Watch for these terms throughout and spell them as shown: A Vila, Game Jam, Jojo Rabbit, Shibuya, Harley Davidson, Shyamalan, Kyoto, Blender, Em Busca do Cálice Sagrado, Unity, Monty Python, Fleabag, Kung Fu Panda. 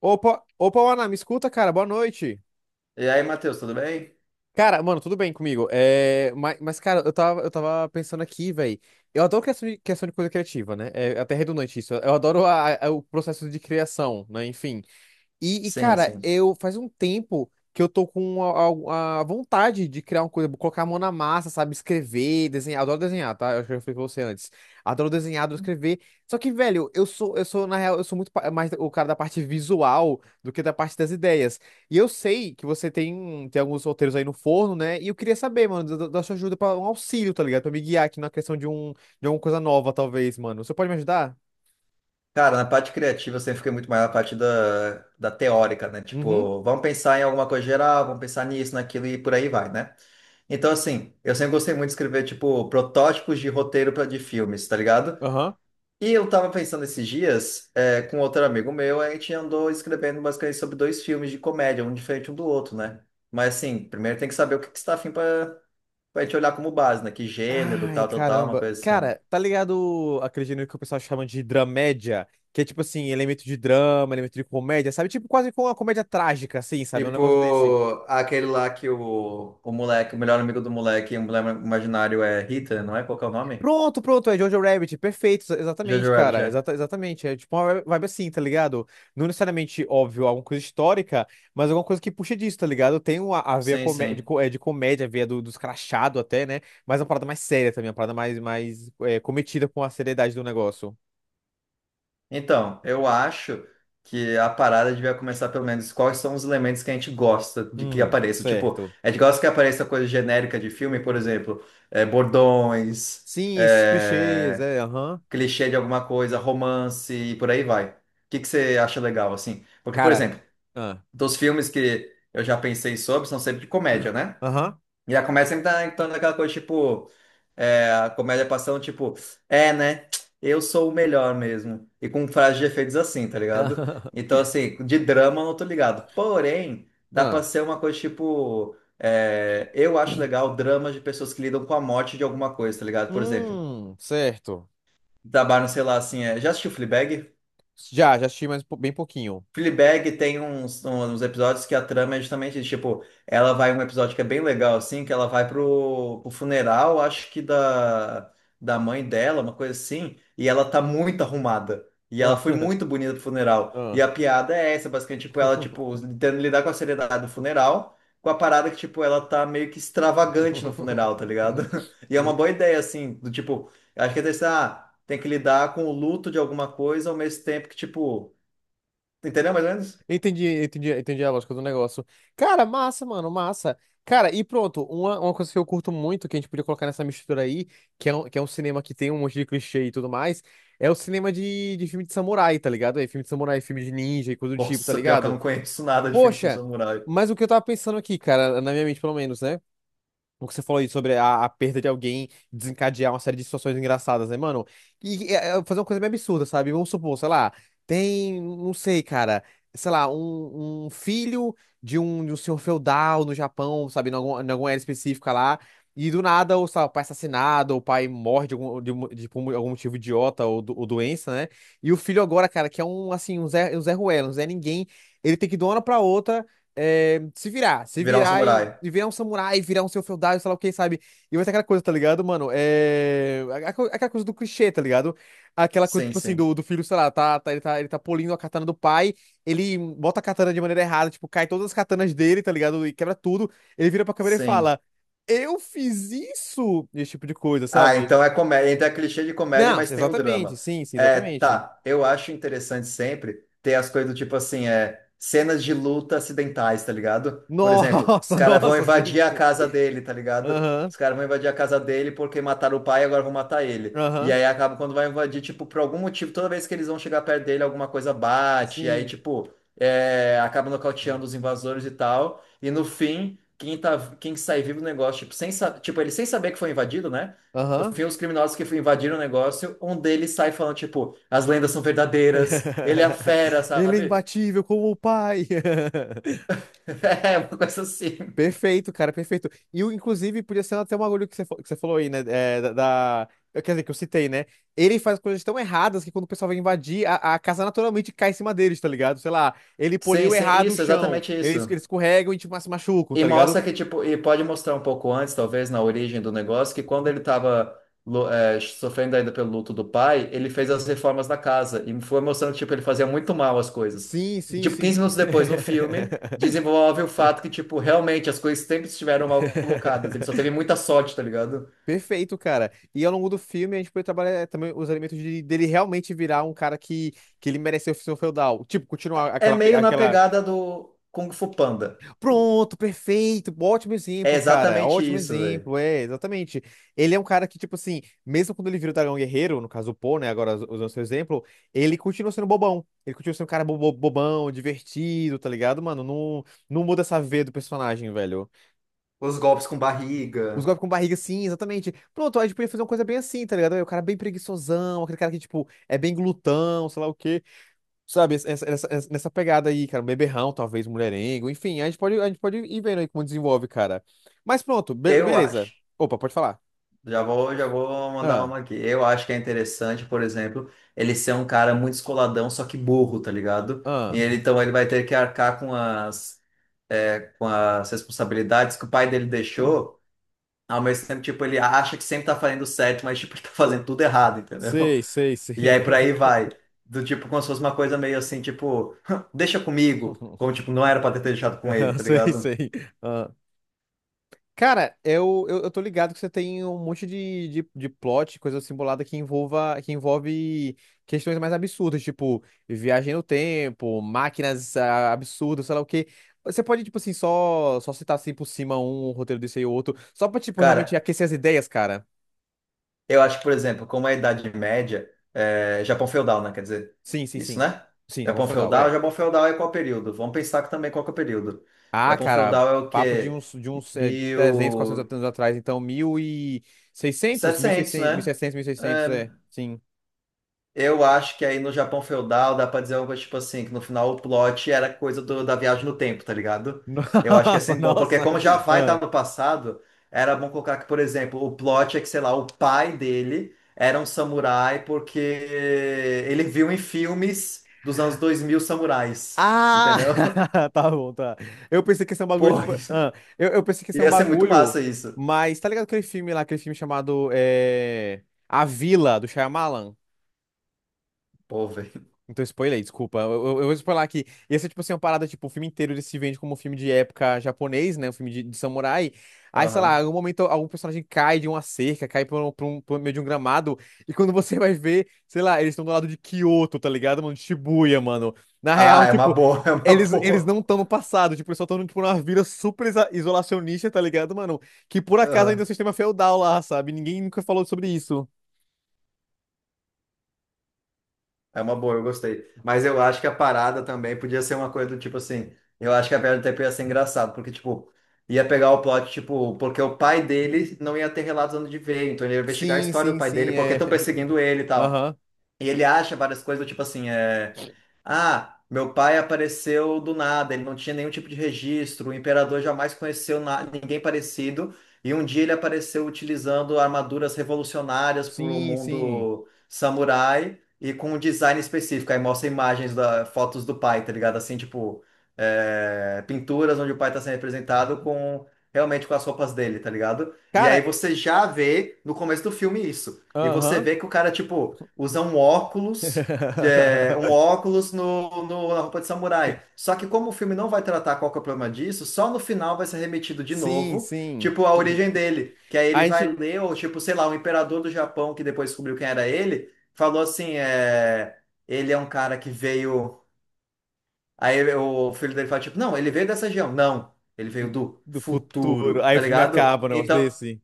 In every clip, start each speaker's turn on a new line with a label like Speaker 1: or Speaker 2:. Speaker 1: Opa, opa, Ana, me escuta, cara, boa noite.
Speaker 2: E aí, Matheus, tudo bem?
Speaker 1: Cara, mano, tudo bem comigo? É, mas, cara, eu tava pensando aqui, velho. Eu adoro questão de coisa criativa, né? É até redundante isso. Eu adoro o processo de criação, né? Enfim. E,
Speaker 2: Sim,
Speaker 1: cara,
Speaker 2: sim.
Speaker 1: eu faz um tempo que eu tô com a vontade de criar uma coisa, colocar a mão na massa, sabe? Escrever, desenhar. Adoro desenhar, tá? Eu acho que eu falei pra você antes. Adoro desenhar, adoro escrever. Só que, velho, na real, eu sou muito mais o cara da parte visual do que da parte das ideias. E eu sei que você tem alguns roteiros aí no forno, né? E eu queria saber, mano, da sua ajuda pra um auxílio, tá ligado? Pra me guiar aqui na questão de alguma coisa nova, talvez, mano. Você pode me ajudar?
Speaker 2: Cara, na parte criativa eu sempre fiquei muito mais na parte da teórica, né?
Speaker 1: Uhum.
Speaker 2: Tipo, vamos pensar em alguma coisa geral, vamos pensar nisso, naquilo e por aí vai, né? Então, assim, eu sempre gostei muito de escrever, tipo, protótipos de roteiro de filmes, tá ligado?
Speaker 1: Aham.
Speaker 2: E eu tava pensando esses dias, com outro amigo meu, a gente andou escrevendo basicamente sobre dois filmes de comédia, um diferente um do outro, né? Mas, assim, primeiro tem que saber o que que você tá afim pra, pra gente olhar como base, né? Que gênero,
Speaker 1: Ai,
Speaker 2: tal, tal, tal, uma
Speaker 1: caramba.
Speaker 2: coisa assim.
Speaker 1: Cara, tá ligado aquele gênero que o pessoal chama de dramédia? Que é tipo assim, elemento de drama, elemento de comédia, sabe? Tipo quase com uma comédia trágica, assim, sabe? Um negócio desse.
Speaker 2: Tipo, aquele lá que o moleque, o melhor amigo do moleque, o moleque imaginário é Rita, não é? Qual que é o nome?
Speaker 1: Pronto, pronto, é Jojo Rabbit. Perfeito, exatamente,
Speaker 2: Jojo Rabbit,
Speaker 1: cara.
Speaker 2: é.
Speaker 1: Exatamente. É tipo uma vibe assim, tá ligado? Não necessariamente, óbvio, alguma coisa histórica, mas alguma coisa que puxa disso, tá ligado? Tem a veia
Speaker 2: Sim, sim.
Speaker 1: de comédia, a veia dos crachados até, né? Mas é uma parada mais séria também, uma parada cometida com a seriedade do negócio.
Speaker 2: Então, eu acho que a parada devia começar pelo menos quais são os elementos que a gente gosta de que apareça. Tipo,
Speaker 1: Certo.
Speaker 2: a gente gosta que apareça coisa genérica de filme, por exemplo, bordões,
Speaker 1: Sim, esses clichês,
Speaker 2: é,
Speaker 1: aham.
Speaker 2: clichê de alguma coisa, romance e por aí vai. O que que você acha legal, assim? Porque, por
Speaker 1: Cara.
Speaker 2: exemplo,
Speaker 1: Ah.
Speaker 2: dos filmes que eu já pensei sobre são sempre de comédia, né?
Speaker 1: Aham.
Speaker 2: E a comédia sempre tá então naquela coisa, tipo, a comédia passando, tipo, né? Eu sou o melhor mesmo. E com frases de efeitos assim, tá ligado? Então, assim, de drama eu não tô ligado. Porém, dá pra
Speaker 1: Ah.
Speaker 2: ser uma coisa tipo. Eu acho legal dramas de pessoas que lidam com a morte de alguma coisa, tá ligado? Por exemplo,
Speaker 1: Certo.
Speaker 2: trabalham, sei lá, assim. É, já assistiu Fleabag?
Speaker 1: Já assisti mais bem pouquinho.
Speaker 2: Fleabag tem uns episódios que a trama é justamente isso, tipo, ela vai um episódio que é bem legal, assim, que ela vai pro, pro funeral, acho que da mãe dela, uma coisa assim, e ela tá muito arrumada. E ela
Speaker 1: Ah,
Speaker 2: foi muito bonita pro funeral. E
Speaker 1: ah.
Speaker 2: a piada é essa, basicamente, tipo, ela, tipo, tentando lidar com a seriedade do funeral, com a parada que, tipo, ela tá meio que extravagante no funeral, tá ligado? E é uma boa ideia, assim, do tipo, acho que é desse, ah, tem que lidar com o luto de alguma coisa ao mesmo tempo que, tipo, entendeu mais ou menos?
Speaker 1: Entendi, entendi, entendi a lógica do negócio. Cara, massa, mano, massa. Cara, e pronto, uma coisa que eu curto muito, que a gente podia colocar nessa mistura aí, que é um cinema que tem um monte de clichê e tudo mais, é o cinema de filme de samurai, tá ligado? É filme de samurai, filme de ninja e coisa do tipo, tá
Speaker 2: Nossa, pior que eu
Speaker 1: ligado?
Speaker 2: não conheço nada de filme com
Speaker 1: Poxa,
Speaker 2: samurai.
Speaker 1: mas o que eu tava pensando aqui, cara, na minha mente pelo menos, né? O que você falou aí sobre a perda de alguém desencadear uma série de situações engraçadas, né, mano? E fazer uma coisa meio absurda, sabe? Vamos supor, sei lá, tem, não sei, cara, sei lá, um filho de um senhor feudal no Japão, sabe? Em alguma área específica lá. E do nada, ou, sei lá, o pai é assassinado, ou o pai morre de algum, de, um- de- por algum motivo idiota ou doença, né? E o filho agora, cara, que é, assim, um Zé, um Zé Ruela, um Zé Ninguém, ele tem que ir de uma hora pra outra, se virar, se
Speaker 2: Virar um
Speaker 1: virar e,
Speaker 2: samurai.
Speaker 1: e virar um samurai, virar um seu feudal, sei lá o que, sabe? E vai ser aquela coisa, tá ligado, mano? Aquela coisa do clichê, tá ligado? Aquela coisa,
Speaker 2: Sim,
Speaker 1: tipo assim,
Speaker 2: sim.
Speaker 1: do filho, sei lá, ele tá polindo a katana do pai. Ele bota a katana de maneira errada, tipo, cai todas as katanas dele, tá ligado? E quebra tudo. Ele vira pra câmera e
Speaker 2: Sim.
Speaker 1: fala: eu fiz isso! Esse tipo de coisa,
Speaker 2: Ah,
Speaker 1: sabe?
Speaker 2: então é comédia, então é clichê de comédia,
Speaker 1: Não,
Speaker 2: mas tem o
Speaker 1: exatamente,
Speaker 2: drama.
Speaker 1: sim, sim,
Speaker 2: É,
Speaker 1: exatamente.
Speaker 2: tá, eu acho interessante sempre ter as coisas do tipo assim, cenas de luta acidentais, tá ligado? Por exemplo, os
Speaker 1: Nossa,
Speaker 2: caras vão
Speaker 1: nossa,
Speaker 2: invadir
Speaker 1: sim,
Speaker 2: a
Speaker 1: sim.
Speaker 2: casa dele, tá ligado?
Speaker 1: Aham,
Speaker 2: Os caras vão invadir a casa dele porque mataram o pai e agora vão matar ele. E
Speaker 1: aham,
Speaker 2: aí acaba quando vai invadir, tipo, por algum motivo, toda vez que eles vão chegar perto dele, alguma coisa bate, e aí,
Speaker 1: sim.
Speaker 2: tipo, acaba nocauteando os invasores e tal. E no fim, quem tá, quem sai vivo do negócio, tipo, sem, tipo, ele sem saber que foi invadido, né? No
Speaker 1: Aham.
Speaker 2: fim, os criminosos que invadiram o negócio, um deles sai falando, tipo, as lendas são verdadeiras, ele é a fera,
Speaker 1: Ele é
Speaker 2: sabe?
Speaker 1: imbatível como o pai.
Speaker 2: É, uma coisa assim.
Speaker 1: Perfeito, cara, perfeito. E inclusive, podia ser até um bagulho que você falou aí, né? Quer dizer, que eu citei, né? Ele faz coisas tão erradas que, quando o pessoal vai invadir, a casa naturalmente cai em cima deles, tá ligado? Sei lá, ele
Speaker 2: Sim,
Speaker 1: poliu
Speaker 2: sim,
Speaker 1: errado o
Speaker 2: isso,
Speaker 1: chão,
Speaker 2: exatamente
Speaker 1: eles,
Speaker 2: isso.
Speaker 1: eles escorregam e, tipo, se machucam,
Speaker 2: E
Speaker 1: tá ligado?
Speaker 2: mostra que, tipo, e pode mostrar um pouco antes, talvez, na origem do negócio, que quando ele tava, sofrendo ainda pelo luto do pai, ele fez as reformas da casa e foi mostrando, tipo, ele fazia muito mal as coisas.
Speaker 1: Sim,
Speaker 2: E,
Speaker 1: sim,
Speaker 2: tipo,
Speaker 1: sim.
Speaker 2: 15 minutos depois, no filme, desenvolve o fato que, tipo, realmente as coisas sempre estiveram mal colocadas. Ele só teve muita sorte, tá ligado?
Speaker 1: Perfeito, cara. E, ao longo do filme, a gente pode trabalhar, também, os elementos dele realmente virar um cara que ele mereceu ser um feudal. Tipo, continuar
Speaker 2: É
Speaker 1: aquela,
Speaker 2: meio na
Speaker 1: aquela.
Speaker 2: pegada do Kung Fu Panda.
Speaker 1: Pronto, perfeito. Ótimo
Speaker 2: É
Speaker 1: exemplo, cara.
Speaker 2: exatamente
Speaker 1: Ótimo
Speaker 2: isso, velho.
Speaker 1: exemplo. É, exatamente. Ele é um cara que, tipo assim, mesmo quando ele vira o Dragão Guerreiro, no caso o Poe, né? Agora, usando seu exemplo, ele continua sendo bobão. Ele continua sendo um cara bobão, divertido, tá ligado, mano? Não, não muda essa veia do personagem, velho.
Speaker 2: Os golpes com
Speaker 1: Os
Speaker 2: barriga.
Speaker 1: golpes com barriga, sim, exatamente. Pronto, a gente podia fazer uma coisa bem assim, tá ligado? O cara bem preguiçosão, aquele cara que, tipo, é bem glutão, sei lá o quê. Sabe, nessa pegada aí, cara, um beberrão, talvez, um mulherengo, enfim, a gente pode ir vendo aí como desenvolve, cara. Mas pronto, be-
Speaker 2: Eu
Speaker 1: beleza.
Speaker 2: acho.
Speaker 1: Opa, pode falar.
Speaker 2: Já vou mandar
Speaker 1: Ah,
Speaker 2: uma aqui. Eu acho que é interessante, por exemplo, ele ser um cara muito escoladão, só que burro, tá ligado? E
Speaker 1: ah.
Speaker 2: ele, então ele vai ter que arcar com as responsabilidades que o pai dele deixou. Ao mesmo tempo, tipo, ele acha que sempre tá fazendo certo, mas tipo, ele tá fazendo tudo errado, entendeu?
Speaker 1: Sei, sei, sei.
Speaker 2: E aí por aí vai. Do tipo, como se fosse uma coisa meio assim, tipo, deixa comigo. Como, tipo, não era pra ter deixado com ele, tá
Speaker 1: Sei,
Speaker 2: ligado?
Speaker 1: sei. Ah. Cara, eu tô ligado que você tem um monte de plot, coisa simulada que envolve questões mais absurdas, tipo viagem no tempo, máquinas absurdas, sei lá o quê. Você pode, tipo assim, só citar assim por cima um roteiro desse aí ou outro, só pra, tipo, realmente
Speaker 2: Cara,
Speaker 1: aquecer as ideias, cara.
Speaker 2: eu acho que, por exemplo, como a Idade Média, Japão feudal, né? Quer dizer,
Speaker 1: Sim, sim,
Speaker 2: isso,
Speaker 1: sim.
Speaker 2: né?
Speaker 1: Sim, Japão feudal, é.
Speaker 2: Japão feudal é qual período? Vamos pensar que também qual que é o período.
Speaker 1: Ah,
Speaker 2: Japão
Speaker 1: cara,
Speaker 2: feudal é o
Speaker 1: papo de
Speaker 2: quê?
Speaker 1: uns, de uns é, 300, 400
Speaker 2: mil
Speaker 1: anos atrás. Então, mil e
Speaker 2: e
Speaker 1: seiscentos? mil e
Speaker 2: setecentos
Speaker 1: seiscentos mil e
Speaker 2: né?
Speaker 1: seiscentos 1600? 1600, 1600,
Speaker 2: É,
Speaker 1: seiscentos, é. Sim.
Speaker 2: Eu acho que aí no Japão feudal dá pra dizer algo tipo assim, que no final o plot era coisa da viagem no tempo, tá ligado? Eu acho que é
Speaker 1: Nossa,
Speaker 2: sempre bom, porque
Speaker 1: nossa.
Speaker 2: como já vai estar
Speaker 1: Ah.
Speaker 2: no passado, era bom colocar que, por exemplo, o plot é que, sei lá, o pai dele era um samurai porque ele viu em filmes dos anos 2000 samurais,
Speaker 1: Ah,
Speaker 2: entendeu?
Speaker 1: tá bom, tá. Eu pensei que ia ser um bagulho,
Speaker 2: Pô,
Speaker 1: tipo.
Speaker 2: isso-
Speaker 1: ah, eu, eu pensei que ia ser um
Speaker 2: Ia ser muito
Speaker 1: bagulho,
Speaker 2: massa isso.
Speaker 1: mas tá ligado aquele filme lá, aquele filme chamado, A Vila, do Shyamalan?
Speaker 2: Pô, velho.
Speaker 1: Então, spoiler, desculpa. Eu vou spoiler aqui. Ia ser, tipo assim, é uma parada, tipo, o filme inteiro ele se vende como um filme de época japonês, né? Um filme de samurai. Aí, sei lá, em
Speaker 2: Aham.
Speaker 1: algum momento algum personagem cai de uma cerca, cai por meio de um gramado. E quando você vai ver, sei lá, eles estão do lado de Kyoto, tá ligado, mano? De Shibuya, mano. Na real,
Speaker 2: Ah, é uma
Speaker 1: tipo,
Speaker 2: boa, é uma
Speaker 1: eles
Speaker 2: boa.
Speaker 1: não estão no passado. Tipo, eles só estão, tipo, numa vila super isolacionista, tá ligado, mano? Que por acaso ainda é um
Speaker 2: Aham.
Speaker 1: sistema feudal lá, sabe? Ninguém nunca falou sobre isso.
Speaker 2: É uma boa, eu gostei. Mas eu acho que a parada também podia ser uma coisa do tipo assim. Eu acho que a piada do tempo ia ser engraçado, porque, tipo, ia pegar o plot, tipo, porque o pai dele não ia ter relatos onde de ver, então ele ia investigar a
Speaker 1: Sim,
Speaker 2: história do
Speaker 1: sim,
Speaker 2: pai dele,
Speaker 1: sim,
Speaker 2: porque
Speaker 1: é.
Speaker 2: estão perseguindo ele e tal.
Speaker 1: Aham.
Speaker 2: E ele acha várias coisas, do tipo assim, Ah, meu pai apareceu do nada, ele não tinha nenhum tipo de registro, o imperador jamais conheceu ninguém parecido, e um dia ele apareceu utilizando armaduras revolucionárias para o
Speaker 1: Sim, sim.
Speaker 2: mundo samurai e com um design específico. Aí mostra imagens, da... fotos do pai, tá ligado? Assim, tipo, pinturas onde o pai está sendo representado com... Realmente com as roupas dele, tá ligado? E aí
Speaker 1: Cara,
Speaker 2: você já vê no começo do filme isso. E você
Speaker 1: aham.
Speaker 2: vê que o cara, tipo usam um óculos, um óculos na roupa de samurai. Só que como o filme não vai tratar qual que é o problema disso, só no final vai ser remetido de
Speaker 1: Sim,
Speaker 2: novo,
Speaker 1: sim.
Speaker 2: tipo, a origem dele. Que aí ele
Speaker 1: A
Speaker 2: vai
Speaker 1: gente.
Speaker 2: ler, ou tipo, sei lá, o imperador do Japão, que depois descobriu quem era ele, falou assim, ele é um cara que veio... Aí o filho dele fala, tipo, não, ele veio dessa região. Não, ele veio do
Speaker 1: Do futuro.
Speaker 2: futuro,
Speaker 1: Aí o
Speaker 2: tá
Speaker 1: filme
Speaker 2: ligado?
Speaker 1: acaba, um negócio
Speaker 2: Então,
Speaker 1: desse.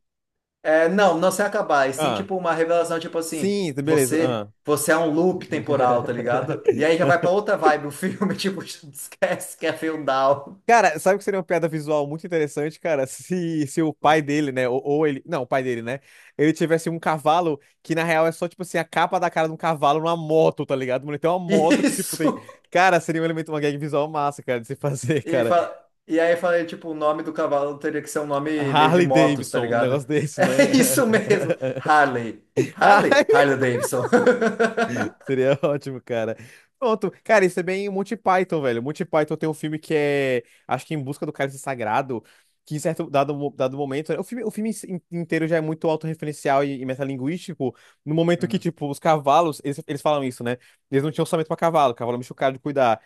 Speaker 2: não, não se acabar, e sim,
Speaker 1: Ah,
Speaker 2: tipo, uma revelação, tipo assim,
Speaker 1: sim, beleza.
Speaker 2: você,
Speaker 1: Ah.
Speaker 2: você é um loop temporal, tá ligado? E aí já vai pra outra vibe o filme, tipo, esquece que é feudal.
Speaker 1: Cara, sabe o que seria uma piada visual muito interessante, cara? Se o pai dele, né? Ou ele. Não, o pai dele, né? Ele tivesse um cavalo que, na real, é só, tipo assim, a capa da cara de um cavalo numa moto, tá ligado? Mano, ele tem uma moto que, tipo, tem.
Speaker 2: Isso!
Speaker 1: Cara, seria um elemento, uma gag visual massa, cara, de se fazer,
Speaker 2: E,
Speaker 1: cara.
Speaker 2: fa- e aí eu falei, tipo, o nome do cavalo teria que ser um nome meio de
Speaker 1: Harley
Speaker 2: motos, tá
Speaker 1: Davidson, um negócio
Speaker 2: ligado?
Speaker 1: desse,
Speaker 2: É
Speaker 1: né?
Speaker 2: isso mesmo, Harley.
Speaker 1: Ai,
Speaker 2: Harley? Harley Davidson.
Speaker 1: seria ótimo, cara. Pronto. Cara, isso é bem Monty Python, velho. Monty Python tem um filme que é, acho que Em Busca do Cálice Sagrado, que em certo dado momento, o filme inteiro já é muito autorreferencial e metalinguístico, no momento que,
Speaker 2: Uhum.
Speaker 1: tipo, os cavalos, eles falam isso, né? Eles não tinham orçamento pra cavalo, cavalo é meio caro de cuidar.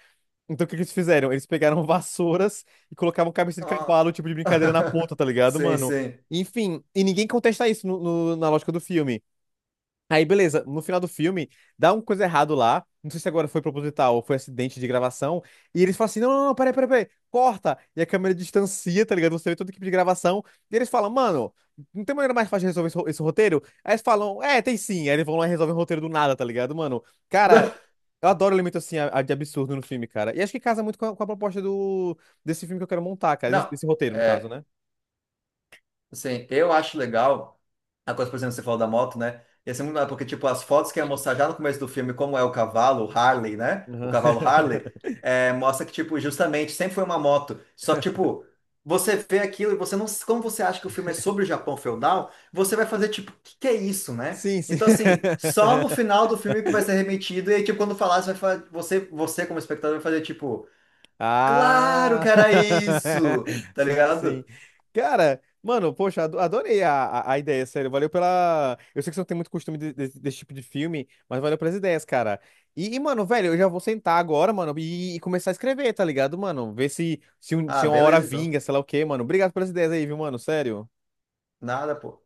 Speaker 1: Então, o que que eles fizeram? Eles pegaram vassouras e colocavam cabeça de cavalo,
Speaker 2: Ah.
Speaker 1: tipo de brincadeira, na ponta, tá ligado,
Speaker 2: Sim,
Speaker 1: mano?
Speaker 2: sim.
Speaker 1: Enfim, e ninguém contesta isso na lógica do filme. Aí, beleza, no final do filme, dá uma coisa errado lá. Não sei se agora foi proposital ou foi acidente de gravação. E eles falam assim: não, não, não, peraí, peraí, peraí, corta. E a câmera distancia, tá ligado? Você vê toda a equipe de gravação. E eles falam: mano, não tem maneira mais fácil de resolver esse roteiro? Aí eles falam: é, tem sim. Aí eles vão lá e resolvem o roteiro do nada, tá ligado, mano? Cara, eu adoro elemento assim, a de absurdo, no filme, cara. E acho que casa muito com a proposta desse filme que eu quero montar, cara. Desse,
Speaker 2: Não,
Speaker 1: desse roteiro, no caso,
Speaker 2: é,
Speaker 1: né?
Speaker 2: assim, eu acho legal a coisa, por exemplo, que você falou da moto, né? E assim, muito legal, porque, tipo, as fotos que ia mostrar já no começo do filme, como é o cavalo, o Harley, né? O
Speaker 1: Aham.
Speaker 2: cavalo Harley, mostra que, tipo, justamente, sempre foi uma moto. Só que, tipo, você vê aquilo e você não... Como você acha que o filme é sobre o Japão feudal, você vai fazer, tipo, o que que é isso, né?
Speaker 1: Sim, sim.
Speaker 2: Então, assim, só no final do filme que vai ser remetido e, aí, tipo, quando falar, você, como espectador, vai fazer, tipo, claro que
Speaker 1: Ah,
Speaker 2: era isso! Tá
Speaker 1: sim,
Speaker 2: ligado?
Speaker 1: sim. Cara, mano, poxa, adorei a ideia, sério. Valeu pela. Eu sei que você não tem muito costume desse tipo de filme, mas valeu pelas ideias, cara. E, mano, velho, eu já vou sentar agora, mano, e começar a escrever, tá ligado, mano? Ver se, se, um-
Speaker 2: Ah,
Speaker 1: se uma hora
Speaker 2: beleza, então.
Speaker 1: vinga, sei lá o quê, mano. Obrigado pelas ideias aí, viu, mano? Sério.
Speaker 2: Nada, pô.